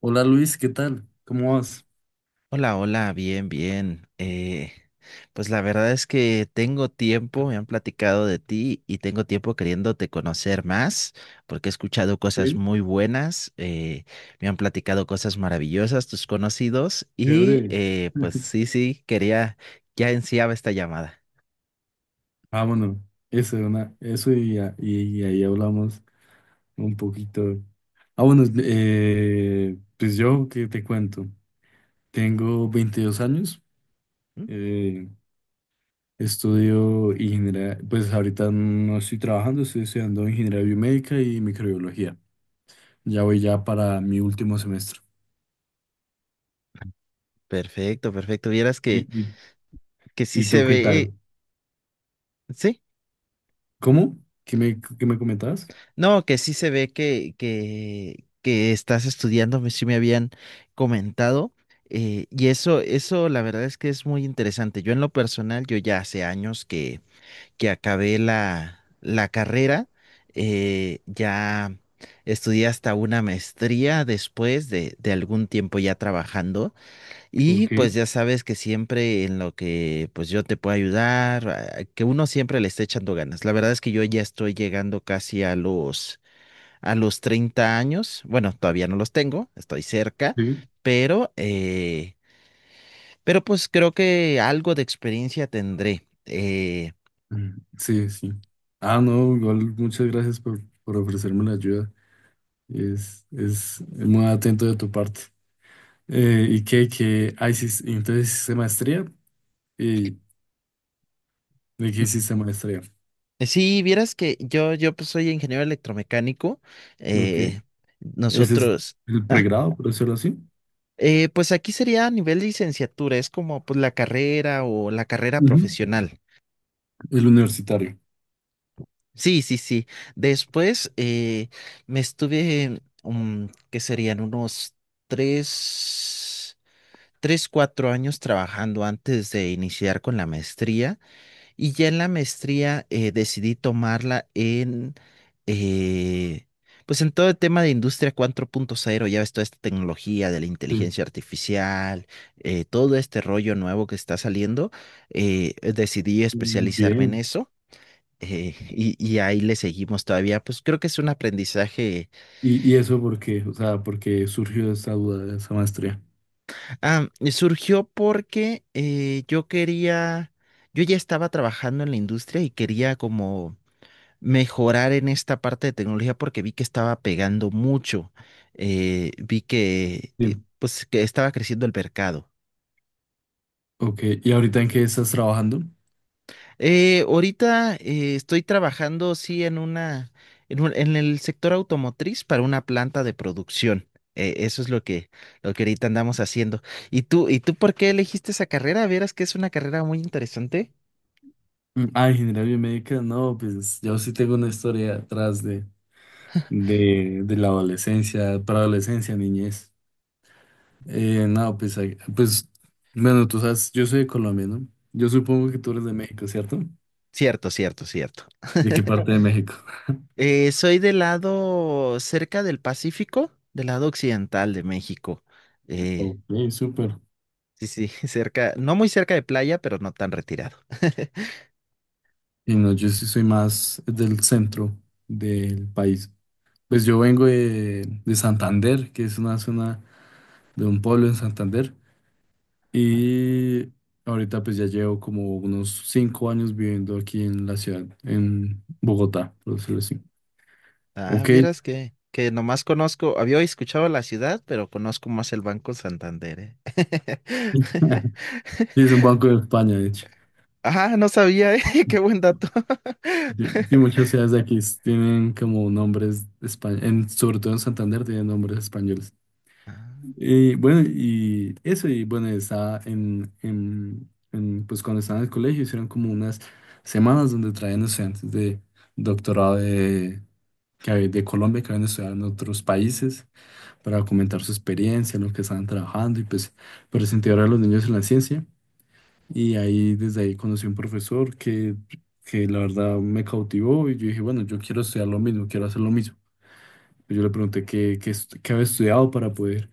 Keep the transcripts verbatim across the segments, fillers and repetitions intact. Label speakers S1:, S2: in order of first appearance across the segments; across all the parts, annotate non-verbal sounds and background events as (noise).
S1: Hola Luis, ¿qué tal? ¿Cómo vas?
S2: Hola, hola, bien, bien. Eh, pues la verdad es que tengo tiempo, me han platicado de ti y tengo tiempo queriéndote conocer más, porque he escuchado cosas
S1: Sí,
S2: muy buenas, eh, me han platicado cosas maravillosas tus conocidos y
S1: chévere.
S2: eh, pues
S1: (laughs)
S2: sí, sí, quería, ya ansiaba esta llamada.
S1: Ah, bueno, eso, una, eso y, a- y- y ahí hablamos un poquito. Ah, bueno, eh, pues yo, ¿qué te cuento? Tengo veintidós años,
S2: Mm.
S1: eh, estudio ingeniería, pues ahorita no estoy trabajando, estoy estudiando ingeniería biomédica y microbiología. Ya voy ya para mi último semestre.
S2: Perfecto, perfecto. Vieras que,
S1: ¿Y, y-
S2: que sí
S1: y tú
S2: se
S1: qué
S2: ve,
S1: tal?
S2: sí.
S1: ¿Cómo? ¿Qué me, qué me comentabas?
S2: No, que sí se ve que, que, que estás estudiando, me- sí me habían comentado. eh, y eso, eso la verdad es que es muy interesante. Yo en lo personal, yo ya hace años que, que acabé la, la carrera, eh, ya estudié hasta una maestría después de, de algún tiempo ya trabajando. Y
S1: Ok,
S2: pues ya sabes que siempre en lo que pues yo te puedo ayudar, a- que uno siempre le esté echando ganas. La verdad es que yo ya estoy llegando casi a los a los treinta años. Bueno, todavía no los tengo, estoy cerca,
S1: sí.
S2: pero, eh, pero pues creo que algo de experiencia tendré. Eh,
S1: Mm, sí, sí. Ah, no, igual muchas gracias por, por ofrecerme la ayuda. Es, es muy atento de tu parte. Eh, ¿y qué, qué? Ah, hicis- entonces hiciste maestría. ¿Y de qué hiciste maestría?
S2: Sí, vieras que yo, yo pues soy ingeniero electromecánico.
S1: Ok.
S2: eh,
S1: Ese es
S2: nosotros,
S1: el
S2: ah,
S1: pregrado, por decirlo así.
S2: eh, pues aquí sería a nivel licenciatura, es como pues la carrera o la carrera
S1: Ujú.
S2: profesional.
S1: El universitario.
S2: Sí, sí, sí. Después eh, me estuve, mm, que serían unos tres. tres, cuatro años trabajando antes de iniciar con la maestría. Y ya en la maestría eh, decidí tomarla en, eh, pues en todo el tema de industria cuatro punto cero. Ya ves toda esta tecnología de la
S1: Sí.
S2: inteligencia artificial, eh, todo este rollo nuevo que está saliendo, eh, decidí
S1: Muy
S2: especializarme en
S1: bien.
S2: eso. eh, y, y ahí le seguimos todavía, pues creo que es un aprendizaje.
S1: ¿Y, y eso por qué? O sea, ¿por qué surgió esa duda de esa maestría?
S2: Ah, y surgió porque eh, yo quería, yo ya estaba trabajando en la industria y quería como mejorar en esta parte de tecnología porque vi que estaba pegando mucho, eh, vi que eh,
S1: Sí.
S2: pues que estaba creciendo el mercado.
S1: Ok. ¿Y ahorita en qué estás trabajando?
S2: Eh, ahorita eh, estoy trabajando sí en una, en un- en el sector automotriz para una planta de producción. Eh, eso es lo que, lo que ahorita andamos haciendo. ¿Y tú, y tú por qué elegiste esa carrera? Verás que es una carrera muy interesante.
S1: Mm, ah, ingeniería biomédica, no, pues yo sí tengo una historia atrás de, de la adolescencia, preadolescencia, niñez. Eh, no, pues, ahí- pues, bueno, tú sabes, yo soy de Colombia, ¿no? Yo supongo que tú eres de México, ¿cierto?
S2: Cierto, cierto, cierto.
S1: ¿De qué
S2: (laughs)
S1: parte de México? (laughs)
S2: Eh, soy del lado cerca del Pacífico, del lado occidental de México. Eh,
S1: Ok, súper.
S2: sí, sí, (laughs) cerca, no muy cerca de playa, pero no tan retirado. (laughs)
S1: Y no, yo sí soy más del centro del país. Pues yo vengo de, de Santander, que es una zona de un pueblo en Santander. Y ahorita pues ya llevo como unos cinco años viviendo aquí en la ciudad, en Bogotá, por decirlo así.
S2: Ah,
S1: Ok.
S2: vieras que, que nomás conozco, había escuchado la ciudad, pero conozco más el Banco Santander, ¿eh?
S1: (laughs)
S2: (laughs)
S1: Sí, es un banco de España, de hecho.
S2: Ah, no sabía, ¿eh? (laughs) Qué buen dato.
S1: Sí, sí, muchas ciudades de aquí tienen como nombres españoles, sobre todo en Santander tienen nombres españoles.
S2: (laughs)
S1: Y bueno, y eso, y bueno, estaba en, en, en, pues cuando estaba en el colegio hicieron como unas semanas donde traían estudiantes de doctorado de, que hab- de Colombia que habían estudiado en otros países para comentar su experiencia, en lo que estaban trabajando y pues por incentivar a los niños en la ciencia. Y ahí, desde ahí conocí un profesor que, que la verdad me cautivó y yo dije, bueno, yo quiero estudiar lo mismo, quiero hacer lo mismo. Yo le pregunté qué, qué, est- qué había estudiado para poder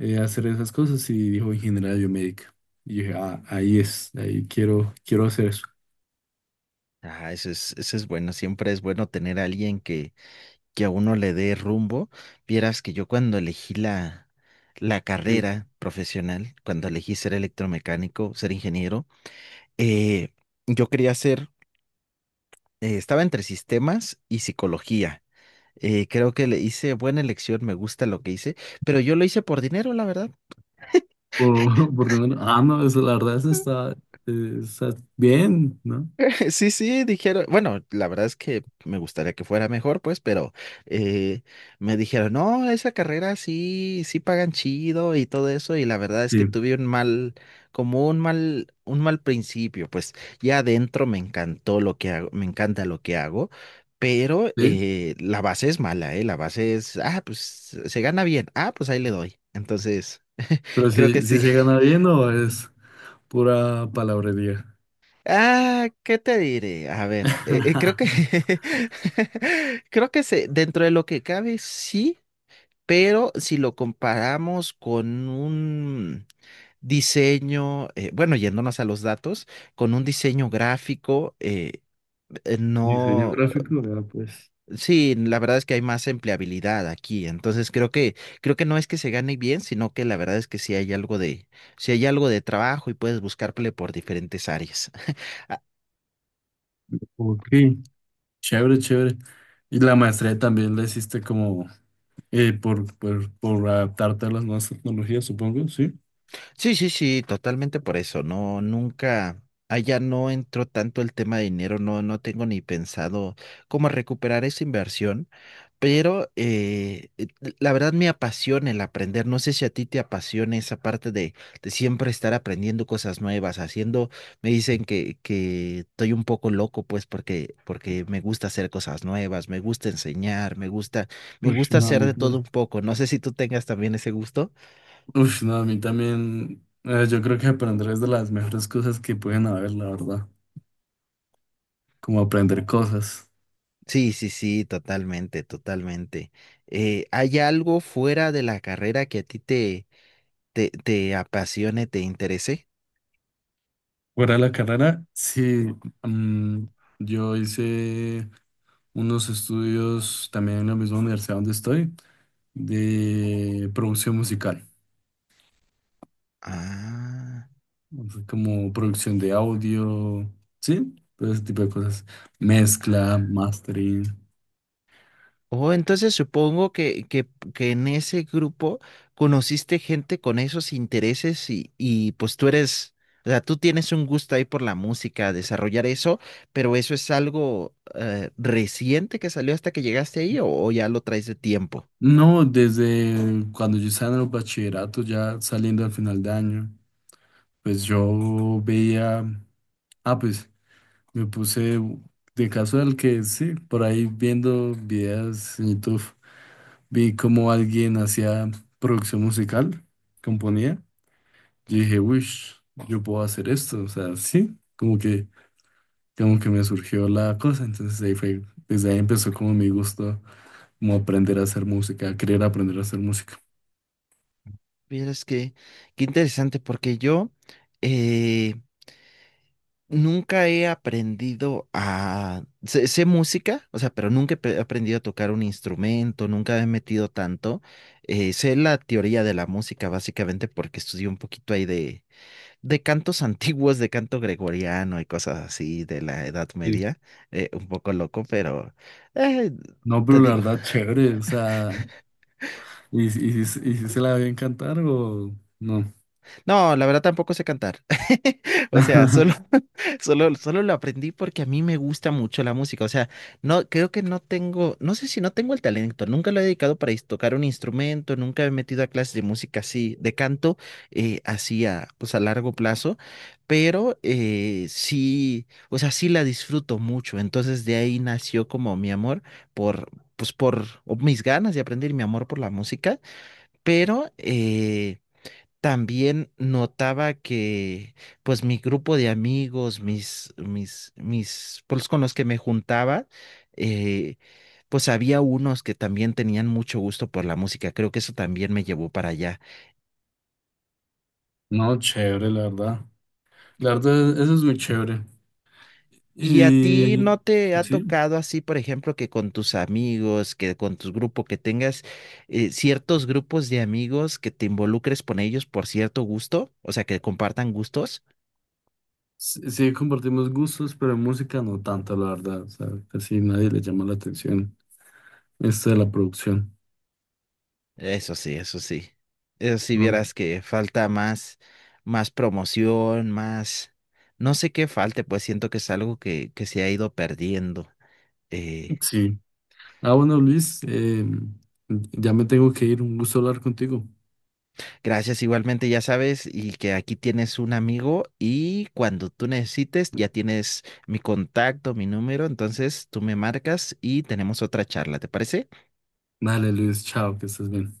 S1: eh, hacer esas cosas y dijo ingeniería biomédica. Y yo dije, ah, ahí es, ahí quiero, quiero hacer eso.
S2: Ah, ah, eso es, eso es bueno, siempre es bueno tener a alguien que, que a uno le dé rumbo. Vieras que yo cuando elegí la, la
S1: Sí.
S2: carrera profesional, cuando elegí ser electromecánico, ser ingeniero, eh, yo quería ser, eh, estaba entre sistemas y psicología. Eh, creo que le hice buena elección, me gusta lo que hice, pero yo lo hice por dinero, la verdad.
S1: Por, (laughs) por lo menos, ah, no, eso, la verdad, eso está, eh, está bien, ¿no?
S2: Sí, sí, dijeron, bueno, la verdad es que me gustaría que fuera mejor, pues, pero eh, me dijeron, no, esa carrera sí, sí pagan chido y todo eso, y la verdad es que
S1: Sí,
S2: tuve un mal, como un mal, un mal principio, pues, ya adentro me encantó lo que hago, me encanta lo que hago, pero
S1: sí,
S2: eh, la base es mala, ¿eh? La base es, ah, pues, se gana bien, ah, pues ahí le doy. Entonces,
S1: pero
S2: (laughs) creo que
S1: si, si
S2: sí.
S1: se gana bien o es pura palabrería.
S2: Ah, ¿qué te diré? A ver, eh, eh, creo que
S1: (laughs)
S2: (laughs) creo que se, dentro de lo que cabe, sí, pero si lo comparamos con un diseño, eh, bueno, yéndonos a los datos, con un diseño gráfico, eh, eh,
S1: Diseño
S2: no,
S1: gráfico, vea pues.
S2: sí, la verdad es que hay más empleabilidad aquí, entonces creo que, creo que no es que se gane bien, sino que la verdad es que sí hay algo de, sí hay algo de trabajo y puedes buscarle por diferentes áreas. (laughs)
S1: Ok, chévere, chévere. Y la maestría también la hiciste como eh, por, por, por adaptarte a las nuevas tecnologías, supongo, ¿sí?
S2: Sí, sí, sí, totalmente por eso. No, nunca, allá no entró tanto el tema de dinero, no, no tengo ni pensado cómo recuperar esa inversión, pero eh, eh, la verdad me apasiona el aprender. No sé si a ti te apasiona esa parte de, de siempre estar aprendiendo cosas nuevas, haciendo, me dicen que, que estoy un poco loco, pues, porque, porque me gusta hacer cosas nuevas, me gusta enseñar, me gusta, me
S1: Ush,
S2: gusta
S1: no, a
S2: hacer
S1: mí
S2: de todo un
S1: también.
S2: poco. No sé si tú tengas también ese gusto.
S1: Ush, no, a mí también. Eh, yo creo que aprender es de las mejores cosas que pueden haber, la verdad. Como aprender cosas.
S2: Sí, sí, sí, totalmente, totalmente. Eh, ¿hay algo fuera de la carrera que a ti te, te, te apasione, te interese?
S1: Fuera de la carrera, sí. Mm, yo hice unos estudios también en la misma universidad donde estoy, de producción musical.
S2: Ah.
S1: O sea, como producción de audio, ¿sí? Todo ese tipo de cosas. Mezcla, mastering.
S2: Oh, entonces supongo que, que, que en ese grupo conociste gente con esos intereses y, y pues tú eres, o sea, tú tienes un gusto ahí por la música, desarrollar eso, pero eso es algo eh, reciente que salió hasta que llegaste ahí o o ya lo traes de tiempo.
S1: No, desde cuando yo estaba en el bachillerato, ya saliendo al final de año, pues yo veía, ah, pues me puse de caso casual que sí, por ahí viendo videos en YouTube, vi cómo alguien hacía producción musical, componía. Yo dije, uy, yo puedo hacer esto, o sea, sí, como que como que me surgió la cosa, entonces ahí fue, desde ahí empezó como mi gusto, como aprender a hacer música, querer aprender a hacer música.
S2: Vieras que, qué interesante, porque yo eh, nunca he aprendido a... Sé, sé música, o sea, pero nunca he pe- aprendido a tocar un instrumento, nunca me he metido tanto. Eh, sé la teoría de la música, básicamente, porque estudié un poquito ahí de, de cantos (laughs) antiguos, de canto gregoriano y cosas así de la Edad
S1: Y
S2: Media. Eh, un poco loco, pero eh,
S1: no,
S2: te
S1: pero la
S2: digo.
S1: verdad, chévere, o sea, ¿y, si- y, si- y si se la a cantar o no?
S2: No, la verdad tampoco sé cantar. (laughs) O sea, solo,
S1: (laughs)
S2: (laughs) solo, solo lo aprendí porque a mí me gusta mucho la música. O sea, no, creo que no tengo, no sé si no tengo el talento. Nunca lo he dedicado para is- tocar un instrumento, nunca me he metido a clases de música así, de canto, eh, así a, pues a largo plazo. Pero eh, sí, o sea, sí la disfruto mucho. Entonces de ahí nació como mi amor por, pues por o mis ganas de aprender y mi amor por la música. Pero, eh, también notaba que, pues, mi grupo de amigos, mis, mis, mis, pues, con los que me juntaba, eh, pues había unos que también tenían mucho gusto por la música. Creo que eso también me llevó para allá.
S1: No, chévere, la verdad. La verdad, eso es muy chévere.
S2: ¿Y a ti
S1: Y
S2: no te ha
S1: sí,
S2: tocado así, por ejemplo, que con tus amigos, que con tu grupo, que tengas eh, ciertos grupos de amigos que te involucres con ellos por cierto gusto, o sea, que compartan gustos?
S1: sí sí compartimos gustos, pero en música no tanto, la verdad, o sea, casi nadie le llama la atención esto de la producción,
S2: Eso sí, eso sí. Eso sí,
S1: ¿no?
S2: vieras que falta más, más promoción, más, no sé qué falte, pues siento que es algo que, que se ha ido perdiendo. Eh,
S1: Sí. Ah, bueno, Luis, eh, ya me tengo que ir. Un gusto hablar contigo.
S2: Gracias igualmente, ya sabes, y que aquí tienes un amigo y cuando tú necesites, ya tienes mi contacto, mi número, entonces tú me marcas y tenemos otra charla, ¿te parece?
S1: Dale, Luis, chao, que estés bien.